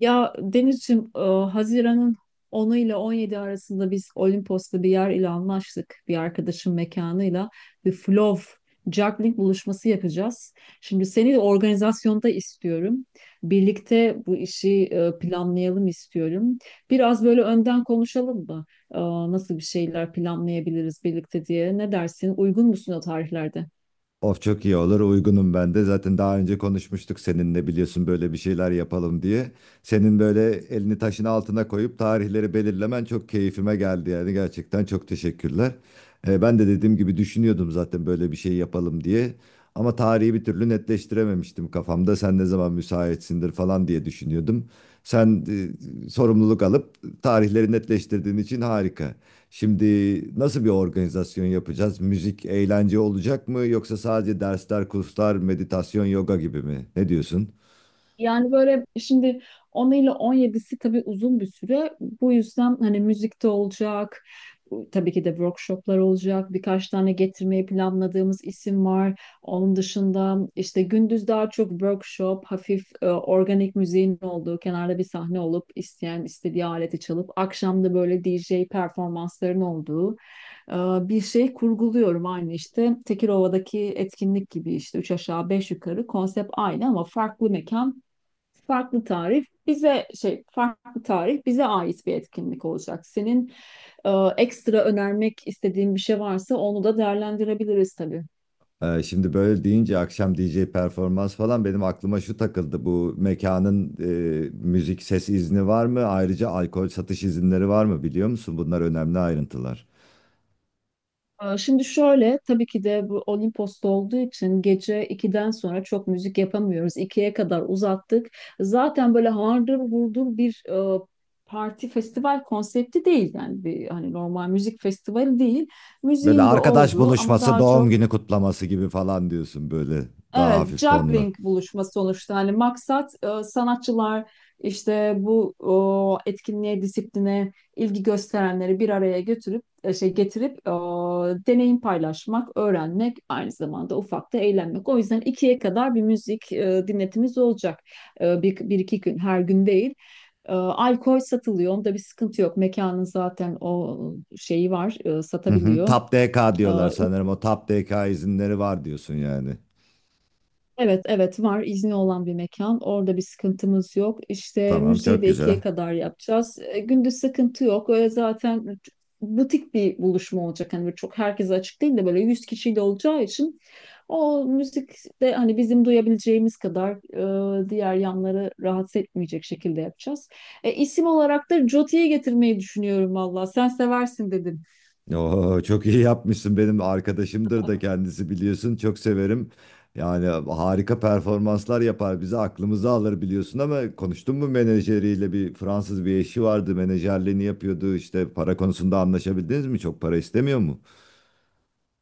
Ya Denizciğim, Haziran'ın onu ile 17 arasında biz Olimpos'ta bir yer ile anlaştık. Bir arkadaşın mekanıyla bir flow juggling buluşması yapacağız. Şimdi seni de organizasyonda istiyorum. Birlikte bu işi planlayalım istiyorum. Biraz böyle önden konuşalım mı? E, Nasıl bir şeyler planlayabiliriz birlikte diye. Ne dersin? Uygun musun o tarihlerde? Of çok iyi olur uygunum ben de. Zaten daha önce konuşmuştuk seninle biliyorsun böyle bir şeyler yapalım diye. Senin böyle elini taşın altına koyup tarihleri belirlemen çok keyfime geldi yani gerçekten çok teşekkürler. Ben de dediğim gibi düşünüyordum zaten böyle bir şey yapalım diye. Ama tarihi bir türlü netleştirememiştim kafamda. Sen ne zaman müsaitsindir falan diye düşünüyordum. Sen sorumluluk alıp tarihleri netleştirdiğin için harika. Şimdi nasıl bir organizasyon yapacağız? Müzik, eğlence olacak mı yoksa sadece dersler, kurslar, meditasyon, yoga gibi mi? Ne diyorsun? Yani böyle şimdi 10 ile on yedisi tabii uzun bir süre. Bu yüzden hani müzikte olacak, tabii ki de workshoplar olacak. Birkaç tane getirmeyi planladığımız isim var. Onun dışında işte gündüz daha çok workshop, hafif organik müziğin olduğu, kenarda bir sahne olup isteyen istediği aleti çalıp, akşam da böyle DJ performansların olduğu e, bir şey kurguluyorum. Aynı işte Tekirova'daki etkinlik gibi, işte üç aşağı beş yukarı konsept aynı ama farklı mekan, farklı tarih, bize ait bir etkinlik olacak. Senin e, ekstra önermek istediğin bir şey varsa onu da değerlendirebiliriz tabii. Şimdi böyle deyince akşam DJ performans falan benim aklıma şu takıldı. Bu mekanın müzik ses izni var mı? Ayrıca alkol satış izinleri var mı biliyor musun? Bunlar önemli ayrıntılar. Şimdi şöyle, tabii ki de bu Olimpos'ta olduğu için gece 2'den sonra çok müzik yapamıyoruz. İkiye kadar uzattık. Zaten böyle hardır vurdur bir parti festival konsepti değil, yani bir hani normal müzik festivali değil. Böyle Müziğin de arkadaş olduğu ama buluşması, daha doğum çok, günü kutlaması gibi falan diyorsun böyle daha evet, hafif tonlu. juggling buluşma sonuçta. Hani maksat sanatçılar işte bu etkinliğe, disipline ilgi gösterenleri bir araya götürüp e, şey getirip e, deneyim paylaşmak, öğrenmek, aynı zamanda ufak da eğlenmek. O yüzden ikiye kadar bir müzik dinletimiz olacak. E, bir iki gün, her gün değil. E, alkol satılıyor, onda bir sıkıntı yok. Mekanın zaten o şeyi var, Hı hı. satabiliyor. Tap DK E, diyorlar sanırım. O Tap DK izinleri var diyorsun yani. Evet, evet, var, izni olan bir mekan. Orada bir sıkıntımız yok. İşte Tamam müziği çok de güzel. ikiye kadar yapacağız. E, gündüz sıkıntı yok. Öyle zaten butik bir buluşma olacak. Hani böyle çok herkese açık değil de böyle 100 kişiyle olacağı için o müzik de hani bizim duyabileceğimiz kadar, diğer yanları rahatsız etmeyecek şekilde yapacağız. E, isim olarak da Joti'yi getirmeyi düşünüyorum valla. Sen seversin dedin. Oo, çok iyi yapmışsın. Benim arkadaşımdır da kendisi biliyorsun. Çok severim. Yani harika performanslar yapar. Bizi aklımızı alır biliyorsun ama konuştun mu menajeriyle? Bir Fransız bir eşi vardı. Menajerliğini yapıyordu. İşte para konusunda anlaşabildiniz mi? Çok para istemiyor mu?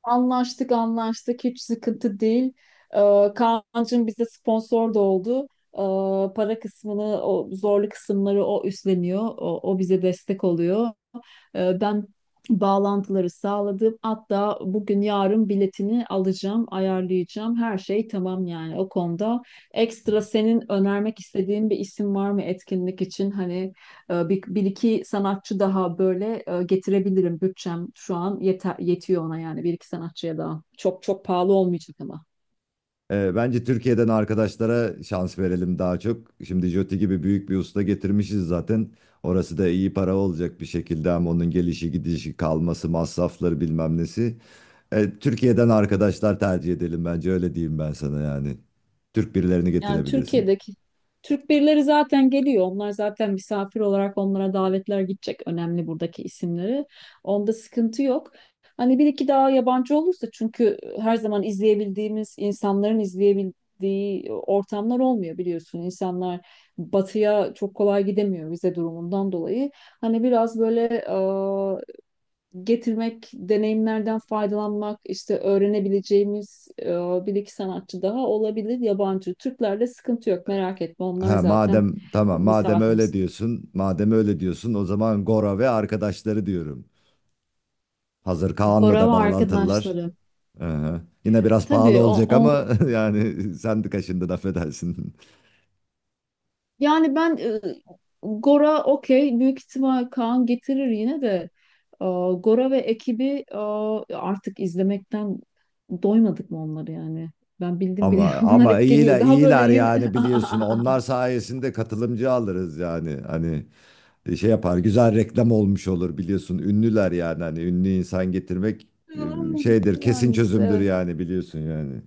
Anlaştık, anlaştık, hiç sıkıntı değil. Kaan'cığım bize sponsor da oldu. Para kısmını, o zorlu kısımları o üstleniyor. O bize destek oluyor. E, ben bağlantıları sağladım. Hatta bugün yarın biletini alacağım, ayarlayacağım. Her şey tamam yani o konuda. Ekstra senin önermek istediğin bir isim var mı etkinlik için? Hani bir iki sanatçı daha böyle getirebilirim. Bütçem şu an yetiyor ona, yani bir iki sanatçıya daha. Çok pahalı olmayacak ama. Bence Türkiye'den arkadaşlara şans verelim daha çok. Şimdi Joti gibi büyük bir usta getirmişiz zaten. Orası da iyi para olacak bir şekilde ama onun gelişi gidişi kalması masrafları bilmem nesi. Türkiye'den arkadaşlar tercih edelim bence öyle diyeyim ben sana yani. Türk birilerini Yani getirebilirsin. Türkiye'deki Türk birileri zaten geliyor. Onlar zaten misafir olarak, onlara davetler gidecek. Önemli buradaki isimleri. Onda sıkıntı yok. Hani bir iki daha yabancı olursa, çünkü her zaman izleyebildiğimiz insanların izleyebildiği ortamlar olmuyor biliyorsun. İnsanlar batıya çok kolay gidemiyor vize durumundan dolayı. Hani biraz böyle getirmek, deneyimlerden faydalanmak, işte öğrenebileceğimiz, bir iki sanatçı daha olabilir yabancı. Türklerde sıkıntı yok, merak etme, onlar Ha zaten madem tamam madem öyle misafirimiz. diyorsun madem öyle diyorsun o zaman Gora ve arkadaşları diyorum. Hazır Kaan'la Gora ve da bağlantılılar. arkadaşları. Aha. Yine biraz pahalı Tabii olacak ama yani sen de kaşındın affedersin. yani ben, Gora okey, büyük ihtimal Kaan getirir yine de. e, Gora ve ekibi, artık izlemekten doymadık mı onları, yani. Ben bildim bile Ama onlar ama hep geliyor. iyiler Daha böyle iyiler yün... yani biliyorsun onlar sayesinde katılımcı alırız yani hani şey yapar güzel reklam olmuş olur biliyorsun ünlüler yani hani ünlü insan getirmek şeydir kesin Yani işte çözümdür evet. yani biliyorsun yani.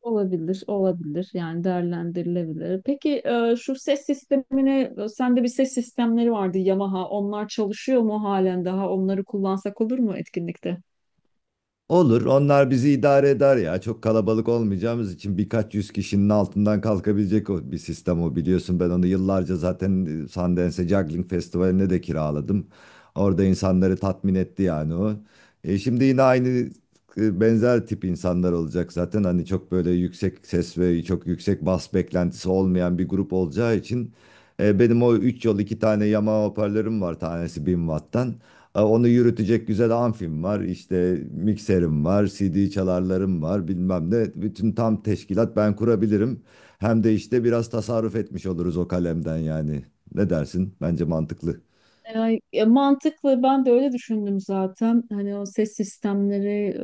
Olabilir, olabilir. Yani değerlendirilebilir. Peki şu ses sistemine, sende bir ses sistemleri vardı, Yamaha. Onlar çalışıyor mu halen daha? Onları kullansak olur mu etkinlikte? Olur, onlar bizi idare eder ya. Çok kalabalık olmayacağımız için birkaç yüz kişinin altından kalkabilecek o bir sistem o biliyorsun. Ben onu yıllarca zaten Sundance Juggling Festivali'ne de kiraladım. Orada insanları tatmin etti yani o. Şimdi yine aynı benzer tip insanlar olacak zaten. Hani çok böyle yüksek ses ve çok yüksek bas beklentisi olmayan bir grup olacağı için. Benim o 3 yol iki tane Yamaha hoparlörüm var tanesi 1000 watt'tan. Onu yürütecek güzel amfim var, işte mikserim var, CD çalarlarım var, bilmem ne. Bütün tam teşkilat ben kurabilirim. Hem de işte biraz tasarruf etmiş oluruz o kalemden yani. Ne dersin? Bence mantıklı. Yani, mantıklı, ben de öyle düşündüm zaten. Hani o ses sistemleri,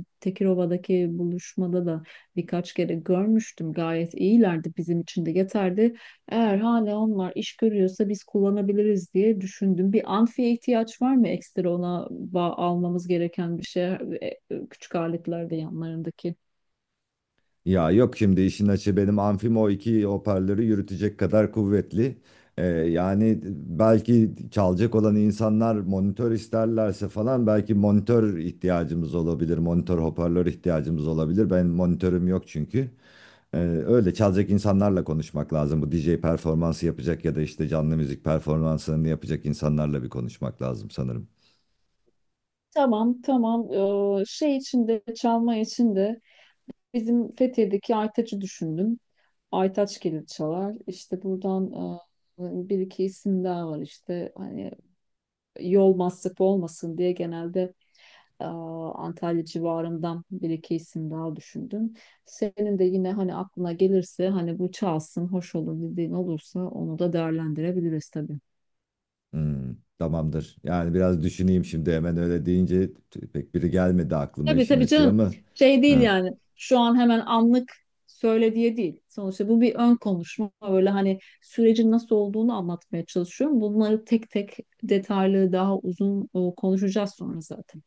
Tekirova'daki buluşmada da birkaç kere görmüştüm. Gayet iyilerdi, bizim için de yeterdi. Eğer hala onlar iş görüyorsa biz kullanabiliriz diye düşündüm. Bir amfiye ihtiyaç var mı ekstra, ona almamız gereken bir şey? Küçük aletlerde yanlarındaki. Ya yok şimdi işin açığı benim amfim o iki hoparlörü yürütecek kadar kuvvetli. Yani belki çalacak olan insanlar monitör isterlerse falan belki monitör ihtiyacımız olabilir. Monitör hoparlör ihtiyacımız olabilir. Ben monitörüm yok çünkü. Ee, öyle çalacak insanlarla konuşmak lazım. Bu DJ performansı yapacak ya da işte canlı müzik performansını yapacak insanlarla bir konuşmak lazım sanırım. Tamam, tamam. E, şey için de Çalma için de bizim Fethiye'deki Aytaç'ı düşündüm. Aytaç gelir çalar. İşte buradan bir iki isim daha var işte. Hani yol masrafı olmasın diye genelde, e, Antalya civarından bir iki isim daha düşündüm. Senin de yine hani aklına gelirse, hani bu çalsın, hoş olur dediğin olursa, onu da değerlendirebiliriz tabii. Tamamdır. Yani biraz düşüneyim şimdi hemen öyle deyince pek biri gelmedi aklıma Tabii işin tabii açığı canım, ama. şey değil Hı, yani, şu an hemen anlık söyle diye değil. Sonuçta bu bir ön konuşma, böyle hani sürecin nasıl olduğunu anlatmaya çalışıyorum. Bunları tek tek detaylı, daha uzun konuşacağız sonra zaten.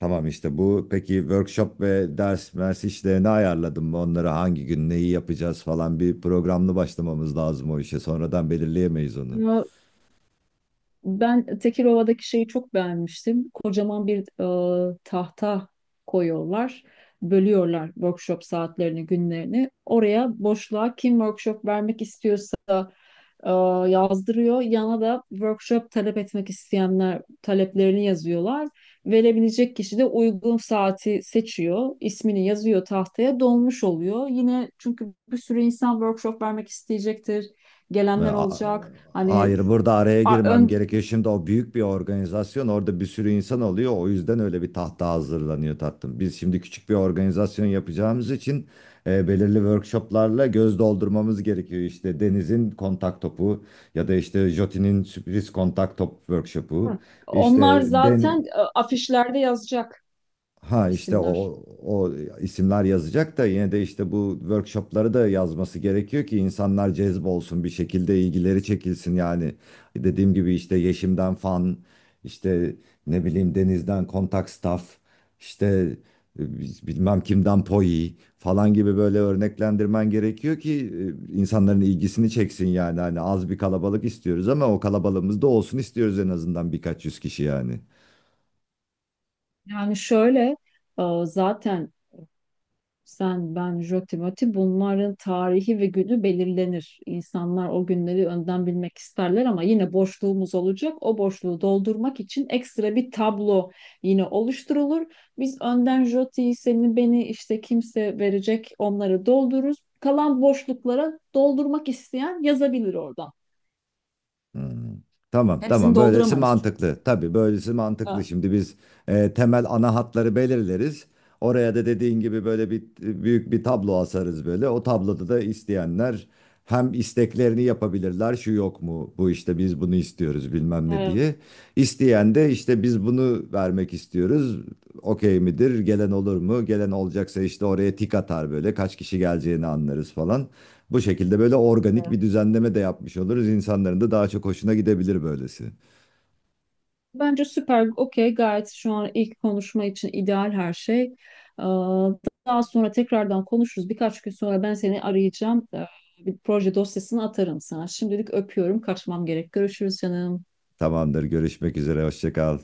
tamam işte bu. Peki workshop ve ders mers işlerini ayarladım mı? Onları hangi gün neyi yapacağız falan bir programlı başlamamız lazım o işe. Sonradan belirleyemeyiz onu. Ben Tekirova'daki şeyi çok beğenmiştim. Kocaman bir tahta koyuyorlar. Bölüyorlar workshop saatlerini, günlerini. Oraya, boşluğa kim workshop vermek istiyorsa e, yazdırıyor. Yana da workshop talep etmek isteyenler taleplerini yazıyorlar. Verebilecek kişi de uygun saati seçiyor, ismini yazıyor tahtaya, dolmuş oluyor. Yine, çünkü bir sürü insan workshop vermek isteyecektir. E, Gelenler a- olacak. Hayır, burada araya a- girmem ön, gerekiyor. Şimdi o büyük bir organizasyon, orada bir sürü insan oluyor. O yüzden öyle bir tahta hazırlanıyor tatlım. Biz şimdi küçük bir organizasyon yapacağımız için belirli workshoplarla göz doldurmamız gerekiyor. İşte Deniz'in kontak topu ya da işte Jotin'in sürpriz kontak top Hı. workshopu. Onlar İşte zaten afişlerde yazacak Ha işte isimler. o isimler yazacak da yine de işte bu workshopları da yazması gerekiyor ki insanlar cezbolsun bir şekilde ilgileri çekilsin yani. Dediğim gibi işte Yeşim'den fan, işte ne bileyim Deniz'den kontak staff, işte bilmem kimden poi falan gibi böyle örneklendirmen gerekiyor ki insanların ilgisini çeksin yani. Hani az bir kalabalık istiyoruz ama o kalabalığımız da olsun istiyoruz en azından birkaç yüz kişi yani. Yani şöyle, zaten sen, ben, Joti, Moti, bunların tarihi ve günü belirlenir. İnsanlar o günleri önden bilmek isterler, ama yine boşluğumuz olacak. O boşluğu doldurmak için ekstra bir tablo yine oluşturulur. Biz önden Joti'yi, seni, beni, işte kimse verecek, onları doldururuz. Kalan boşluklara doldurmak isteyen yazabilir oradan. Hmm. Tamam Hepsini tamam böylesi dolduramayız çünkü. mantıklı. Tabii böylesi mantıklı. Ha, Şimdi biz temel ana hatları belirleriz. Oraya da dediğin gibi böyle bir büyük bir tablo asarız böyle. O tabloda da isteyenler hem isteklerini yapabilirler. Şu yok mu? Bu işte biz bunu istiyoruz bilmem ne diye. İsteyen de işte biz bunu vermek istiyoruz. Okey midir? Gelen olur mu? Gelen olacaksa işte oraya tik atar böyle. Kaç kişi geleceğini anlarız falan. Bu şekilde böyle organik evet. bir düzenleme de yapmış oluruz. İnsanların da daha çok hoşuna gidebilir böylesi. Bence süper, okey, gayet şu an ilk konuşma için ideal her şey. Daha sonra tekrardan konuşuruz. Birkaç gün sonra ben seni arayacağım. Bir proje dosyasını atarım sana. Şimdilik öpüyorum, kaçmam gerek. Görüşürüz canım. Tamamdır, görüşmek üzere, hoşça kal.